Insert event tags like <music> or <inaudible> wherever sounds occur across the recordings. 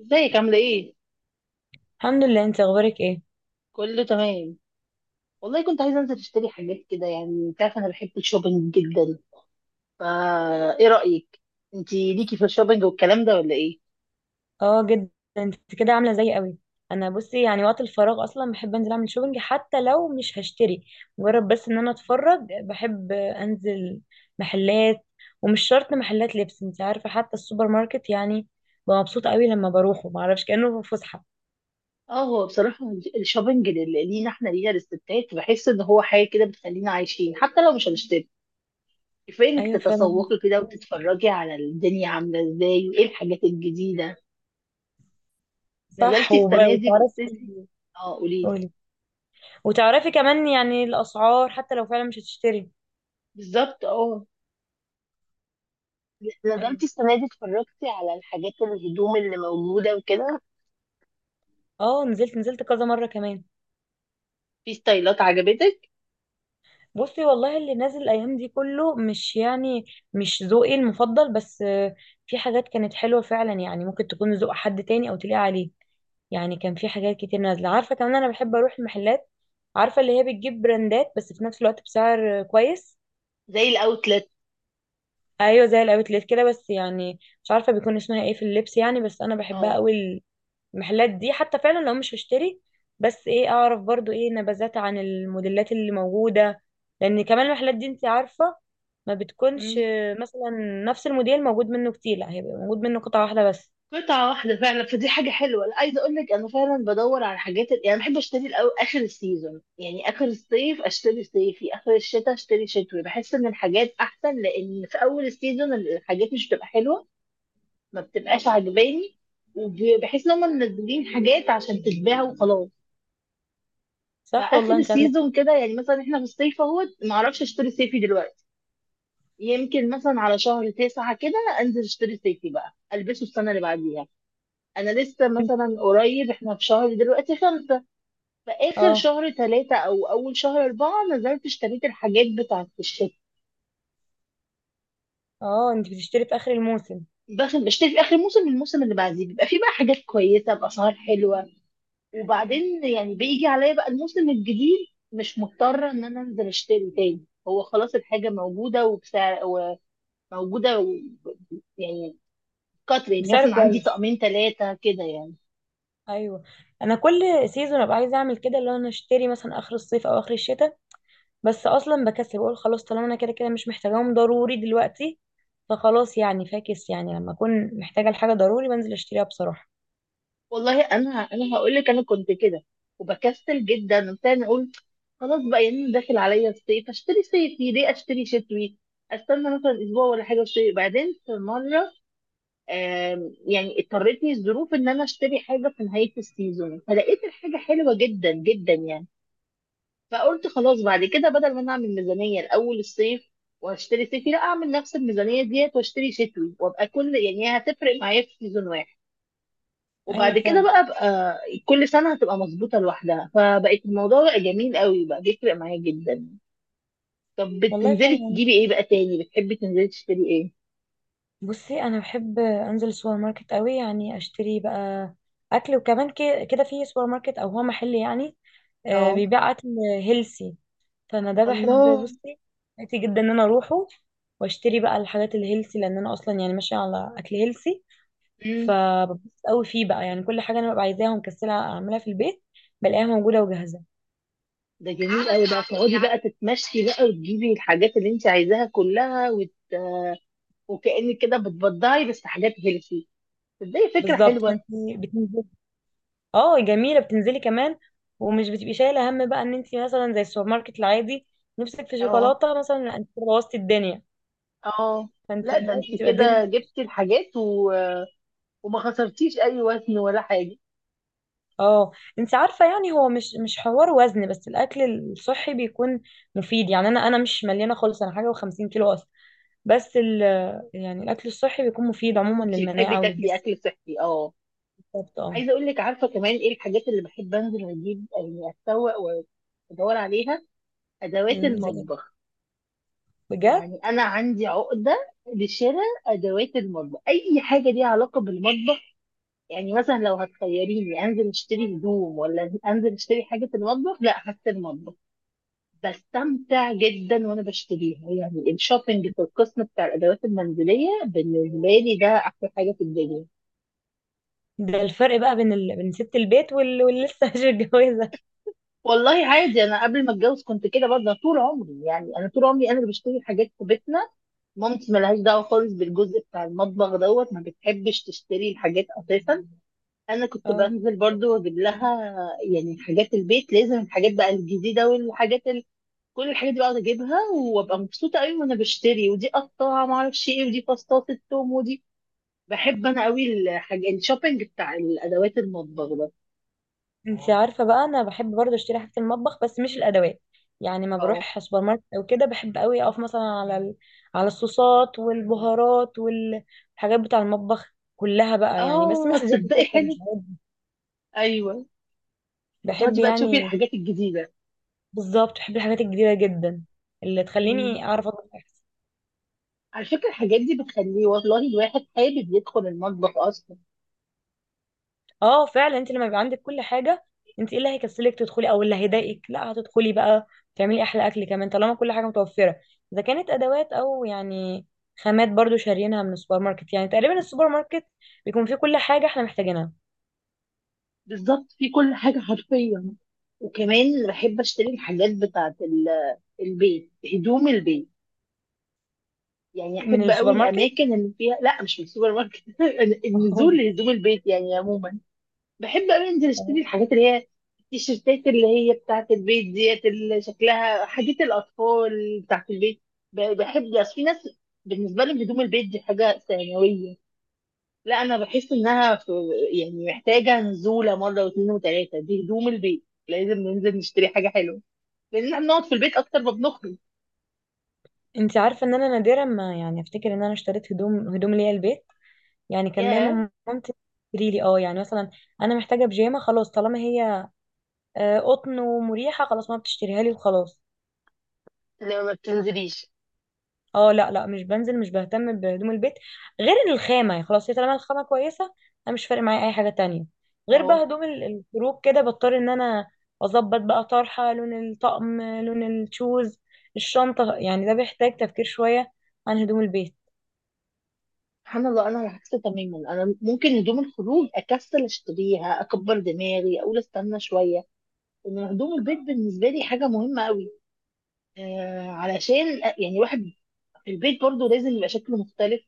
ازيك عاملة ايه؟ الحمد لله. انت اخبارك ايه؟ كله تمام. والله كنت عايزة انزل اشتري حاجات كده، يعني انت عارفة انا بحب الشوبينج جدا. فا ايه رأيك؟ انتي ليكي في الشوبينج والكلام ده ولا ايه؟ اه جدا. انت كده عامله زي قوي. انا، بصي، يعني وقت الفراغ اصلا بحب انزل اعمل شوبينج حتى لو مش هشتري. مجرد بس ان انا اتفرج بحب انزل محلات. ومش شرط محلات لبس، انت عارفه، حتى السوبر ماركت يعني ببقى مبسوطه قوي لما بروحه، ما اعرفش، كانه في فسحه. اه، هو بصراحة الشوبينج لينا، احنا لينا الستات، بحس ان هو حاجة كده بتخلينا عايشين حتى لو مش هنشتري. كفاية انك ايوه فعلا. تتسوقي كده وتتفرجي على الدنيا عاملة ازاي وايه الحاجات الجديدة. صح، نزلتي وب- السنة دي وتعرفي بصيتي؟ اه قوليلي. قولي. وتعرفي كمان يعني الاسعار حتى لو فعلا مش هتشتري. بالظبط اه. ايوه. نزلتي السنة دي اتفرجتي على الحاجات الهدوم اللي موجودة وكده؟ اه، نزلت كذا مره كمان. في ستايلات عجبتك؟ بصي، والله اللي نازل الايام دي كله مش يعني مش ذوقي المفضل، بس في حاجات كانت حلوه فعلا، يعني ممكن تكون ذوق حد تاني او تليق عليه. يعني كان في حاجات كتير نازله، عارفه كمان انا بحب اروح المحلات، عارفه اللي هي بتجيب براندات بس في نفس الوقت بسعر كويس. زي الاوتلت. ايوه زي الاوتلت كده، بس يعني مش عارفه بيكون اسمها ايه في اللبس، يعني بس انا بحبها اه. قوي، المحلات دي، حتى فعلا لو مش هشتري، بس ايه اعرف برضو ايه نبذات عن الموديلات اللي موجودة. لان كمان المحلات دي انت عارفة ما بتكونش مم. مثلا نفس الموديل موجود منه كتير، لا هيبقى موجود منه قطعة واحدة بس. قطعة واحدة فعلا، فدي حاجة حلوة. لا، عايزة اقول لك انا فعلا بدور على حاجات يعني بحب اشتري الاول اخر السيزون، يعني اخر الصيف اشتري صيفي، اخر الشتاء اشتري شتوي. بحس ان الحاجات احسن، لان في اول السيزون الحاجات مش بتبقى حلوة، ما بتبقاش عجباني. وبحس ان هم منزلين حاجات عشان تتباع وخلاص. صح فاخر والله، انت عندك. السيزون كده، يعني مثلا احنا في الصيف اهوت، ما اعرفش اشتري صيفي دلوقتي، يمكن مثلا على شهر 9 كده انزل اشتري صيفي بقى البسه السنة اللي بعديها. انا لسه مثلا قريب، احنا في شهر دلوقتي 5، فاخر اه. شهر 3 او اول شهر 4 نزلت اشتريت الحاجات بتاعت الشتاء. اه، انت بتشتري في اخر الموسم بشتري في اخر موسم، الموسم اللي بعديه بيبقى فيه بقى حاجات كويسة باسعار حلوة. وبعدين يعني بيجي عليا بقى الموسم الجديد، مش مضطرة ان انا انزل اشتري تاني، هو خلاص الحاجة موجودة وبسعر، وموجودة و... يعني كتر، يعني بسعر مثلا عندي كويس. طقمين ثلاثة كده يعني. ايوه، انا كل سيزون ابقى عايزه اعمل كده، اللي هو انا اشتري مثلا اخر الصيف او اخر الشتاء. بس اصلا بكسل، بقول خلاص طالما انا كده كده مش محتاجاهم ضروري دلوقتي، فخلاص يعني، فاكس يعني لما اكون محتاجه لحاجه ضروري بنزل اشتريها بصراحه. والله انا هقول لك انا كنت كده وبكسل جدا وبتاع، اقول خلاص بقى، يعني داخل عليا الصيف اشتري صيفي، ليه اشتري شتوي؟ استنى مثلا اسبوع ولا حاجه اشتري بعدين. في مره يعني اضطرتني الظروف ان انا اشتري حاجه في نهايه السيزون، فلقيت الحاجه حلوه جدا جدا يعني. فقلت خلاص بعد كده، بدل ما انا اعمل ميزانيه الاول الصيف واشتري صيفي، لا، اعمل نفس الميزانيه ديت واشتري شتوي، وابقى كل، يعني هتفرق معايا في سيزون واحد. ايوه وبعد كده فعلا. بقى كل سنة هتبقى مظبوطة لوحدها، فبقت الموضوع بقى جميل قوي، بقى بيفرق معايا جدا. طب والله بتنزلي فعلا. تجيبي ايه بقى تاني؟ بتحبي تنزلي تشتري ايه؟ بصي، انا بحب انزل السوبر ماركت قوي، يعني اشتري بقى اكل، وكمان كده في سوبر ماركت او هو محل يعني اه بيبيع اكل هيلسي. فانا ده بحب، الله. بصي، حياتي جدا ان انا اروحه واشتري بقى الحاجات الهيلسي، لان انا اصلا يعني ماشيه على اكل هيلسي. مم. فببسط قوي فيه بقى، يعني كل حاجه انا ببقى عايزاها ومكسله اعملها في البيت بلاقيها موجوده وجاهزه. ده جميل قوي بقى، تقعدي بقى تتمشي بقى وتجيبي الحاجات اللي انت عايزاها كلها. وكأنك كده بتبضعي بس حاجات هيلثي. تصدقي فكرة بالظبط. فانت حلوة. بتنزلي. اه، جميله بتنزلي كمان، ومش بتبقي شايله هم بقى ان انت مثلا زي السوبر ماركت العادي نفسك في اه. شوكولاته مثلا، لا، انت كده بوظتي الدنيا. اه. فانت لا، ده انت هناك بتبقى كده الدنيا. جبتي الحاجات وما خسرتيش اي وزن ولا حاجة. اه، انت عارفه يعني هو مش حوار وزن، بس الاكل الصحي بيكون مفيد. يعني انا مش مليانه خالص، انا حاجه و50 كيلو اصلا. بس ال يعني الاكل الصحي بيكون مفيد عموما انت بتحبي للمناعه تاكلي وللجسم. اكل صحي؟ اه. بالظبط، اه. عايزه اقول لك، عارفه كمان ايه الحاجات اللي بحب انزل اجيب، يعني اتسوق وادور عليها؟ ادوات مم، زي؟ المطبخ. بجد؟ يعني انا عندي عقده لشراء ادوات المطبخ، اي حاجه ليها علاقه بالمطبخ. يعني مثلا لو هتخيريني انزل اشتري هدوم ولا انزل اشتري حاجه في المطبخ، لا، هشتري المطبخ. بستمتع جدا وانا بشتريها، يعني الشوبينج في القسم بتاع الادوات المنزليه بالنسبه لي ده احلى حاجه في الدنيا. ده الفرق بقى بين بين ست البيت واللي لسه <laughs> مش متجوزه. والله عادي، انا قبل ما اتجوز كنت كده برضه طول عمري، يعني انا طول عمري انا اللي بشتري الحاجات في بيتنا. مامتي ملهاش دعوه خالص بالجزء بتاع المطبخ دوت، ما بتحبش تشتري الحاجات اساسا. انا كنت اه، بنزل برضه واجيب لها، يعني حاجات البيت لازم، الحاجات بقى الجديده كل الحاجات دي بقعد اجيبها وابقى مبسوطه قوي وانا بشتري، ودي قطاعه ما اعرفش ايه، ودي فاستات التوم، ودي، بحب انا قوي الحاجه الشوبينج بتاع الادوات المطبخ ده. انت عارفه بقى انا بحب برضه اشتري حاجه المطبخ بس مش الادوات، يعني ما اه. بروح سوبر ماركت او كده بحب قوي اقف مثلا على على الصوصات والبهارات والحاجات بتاع المطبخ كلها بقى، يعني بس مش اه زيت تصدقي وسكر مش حلو. عارف. ايوه. بحب وتقعدي بقى تشوفي يعني. الحاجات الجديدة. بالظبط، بحب الحاجات الجديده جدا اللي مم. تخليني اعرف اطبخ أحسن. على فكرة الحاجات دي بتخليه والله الواحد حابب يدخل المطبخ أصلا. اه فعلا، انت لما يبقى عندك كل حاجه، انت ايه اللي هيكسلك تدخلي او اللي هيضايقك؟ لا، هتدخلي بقى تعملي احلى اكل كمان طالما كل حاجه متوفره، اذا كانت ادوات او يعني خامات، برضو شاريينها من السوبر ماركت، يعني تقريبا السوبر ماركت بيكون فيه كل حاجه احنا محتاجينها. بالظبط، في كل حاجة حرفيا. وكمان بحب أشتري الحاجات بتاعة البيت، هدوم البيت. يعني من أحب السوبر قوي ماركت. الأماكن اللي فيها، لا مش من السوبر ماركت. <laughs> النزول <laughs> لهدوم البيت يعني عموما، بحب أوي أنزل أشتري الحاجات اللي هي التيشيرتات اللي هي بتاعة البيت ديت، اللي شكلها حاجات الأطفال بتاعة البيت. بحب، بس في ناس بالنسبة لهم هدوم البيت دي حاجة ثانوية. لا، أنا بحس إنها في، يعني محتاجة نزولة مرة واتنين وتلاتة. دي هدوم البيت لازم ننزل نشتري حاجة حلوة، لأن إحنا بنقعد في البيت أكتر ما بنخرج. انت عارفه ان انا نادرا ما يعني افتكر ان انا اشتريت هدوم ليا البيت. يعني كان ياه. دايما مامتي تشتري لي، اه، يعني مثلا انا محتاجه بيجامه، خلاص طالما هي قطن ومريحه، خلاص ما بتشتريها لي وخلاص. لما ما بتنزليش. اه، لا، لا، مش بنزل، مش بهتم بهدوم البيت غير الخامة، يعني خلاص هي طالما الخامة كويسة انا مش فارق معايا اي حاجة تانية. غير بقى أهو. هدوم الخروج، كده بضطر ان انا اظبط بقى طرحة، لون الطقم، لون الشوز، الشنطة، يعني ده بيحتاج تفكير شوية عن هدوم البيت. سبحان الله، انا العكس تماما، انا ممكن هدوم الخروج اكسل اشتريها، اكبر دماغي اقول استنى شويه. ان هدوم البيت بالنسبه لي حاجه مهمه قوي. آه، علشان يعني الواحد في البيت برضه لازم يبقى شكله مختلف،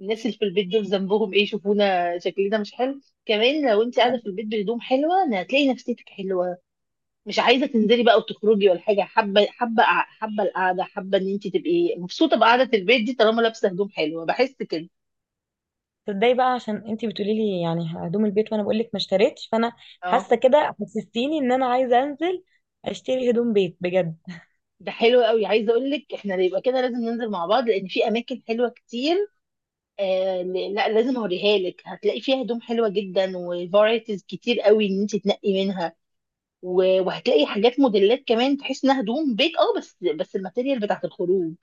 الناس اللي في البيت دول ذنبهم ايه، شوفونا شكلنا مش حلو؟ كمان لو انت قاعده في البيت بهدوم حلوه هتلاقي نفسيتك حلوه، مش عايزه تنزلي بقى وتخرجي ولا حاجه، حابه، حابه القعده، حابه ان انت تبقي مبسوطه بقعده البيت دي طالما لابسه هدوم حلوه، بحس كده. تصدقي بقى، عشان انتي بتقولي لي يعني هدوم البيت وانا بقول لك ما اشتريتش، فانا اه. حاسة كده حسستيني ان انا عايزة انزل اشتري هدوم بيت بجد. ده حلو قوي. عايزه اقول لك، احنا يبقى كده لازم ننزل مع بعض، لان في اماكن حلوه كتير. آه لا، لازم اوريها لك، هتلاقي فيها هدوم حلوه جدا وفرايتيز كتير قوي ان انت تنقي منها. وهتلاقي حاجات موديلات كمان تحس انها هدوم بيت اه، بس الماتيريال بتاعت الخروج.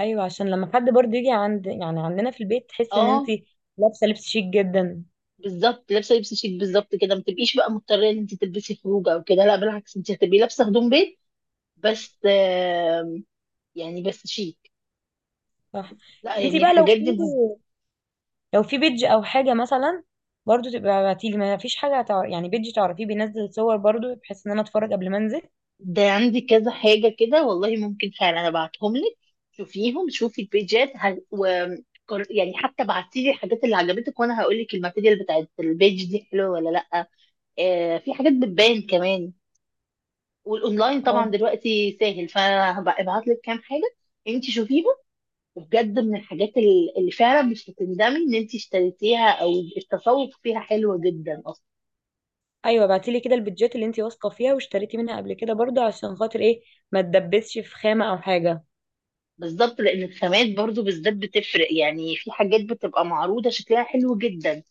ايوه، عشان لما حد برضه يجي عند، يعني عندنا في البيت، تحس ان اه انتي لابسه لبس شيك جدا. بالظبط، لابسه لبس شيك بالظبط كده، ما تبقيش بقى مضطره ان انت تلبسي خروج او كده، لا بالعكس، انت هتبقي لابسه هدوم بيت بس آه، يعني بس شيك. صح. لا انتي يعني بقى لو في الحاجات دي، لو في بيدج او حاجه مثلا، برضو تبقى ابعتيلي، ما فيش حاجه يعني بيدج تعرفيه بينزل صور برضو، بحيث ان انا اتفرج قبل ما انزل. ده عندي كذا حاجة كده والله، ممكن فعلا ابعتهم لك شوفيهم، شوفي البيجات ه... و... قر- يعني حتى بعتي لي الحاجات اللي عجبتك وانا هقول لك الماتيريال بتاعت البيج دي حلوه ولا لا. آه في حاجات بتبان كمان، والاونلاين اه. طبعا دلوقتي سهل، فانا هبعت لك كام حاجة انت شوفيهم. وبجد من الحاجات اللي فعلا مش هتندمي ان انت اشتريتيها، او التسوق فيها حلو جدا اصلا. ايوه، ابعتيلي كده البيدجات اللي انتي واثقه فيها واشتريتي منها قبل كده، برضو عشان خاطر ايه؟ ما تدبسش في خامه او حاجه. بالظبط، لان الخامات برضو بالذات بتفرق، يعني في حاجات بتبقى معروضة شكلها حلو جدا،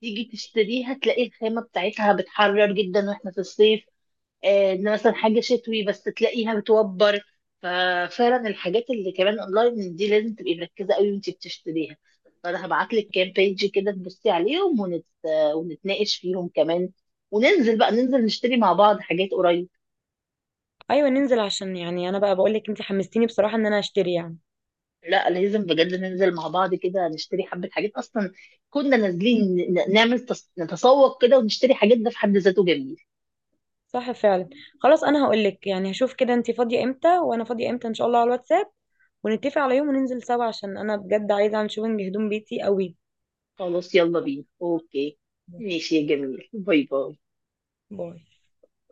تيجي تشتريها تلاقي الخامة بتاعتها بتحرر جدا واحنا في الصيف. آه، إن مثلا حاجة شتوي بس تلاقيها بتوبر. ففعلا الحاجات اللي كمان اونلاين دي لازم تبقي مركزة قوي وانتي بتشتريها. فانا هبعت لك كام بيج كده تبصي عليهم ونتناقش فيهم كمان، وننزل بقى، ننزل نشتري مع بعض حاجات قريب. ايوه ننزل، عشان يعني انا بقى بقول لك انتي حمستيني بصراحه ان انا اشتري يعني. لا لازم بجد ننزل مع بعض كده نشتري حبة حاجات اصلا، كنا نازلين، نتسوق كده ونشتري حاجات، ده في حد ذاته جميل. صح فعلا. خلاص، انا هقول لك، يعني هشوف كده انتي فاضيه امتى وانا فاضيه امتى ان شاء الله على الواتساب، ونتفق على يوم وننزل سوا، عشان انا بجد عايزه اعمل شوبينج هدوم بيتي قوي. خلاص يلا بينا، اوكي ماشي يا جميل. باي باي. باي.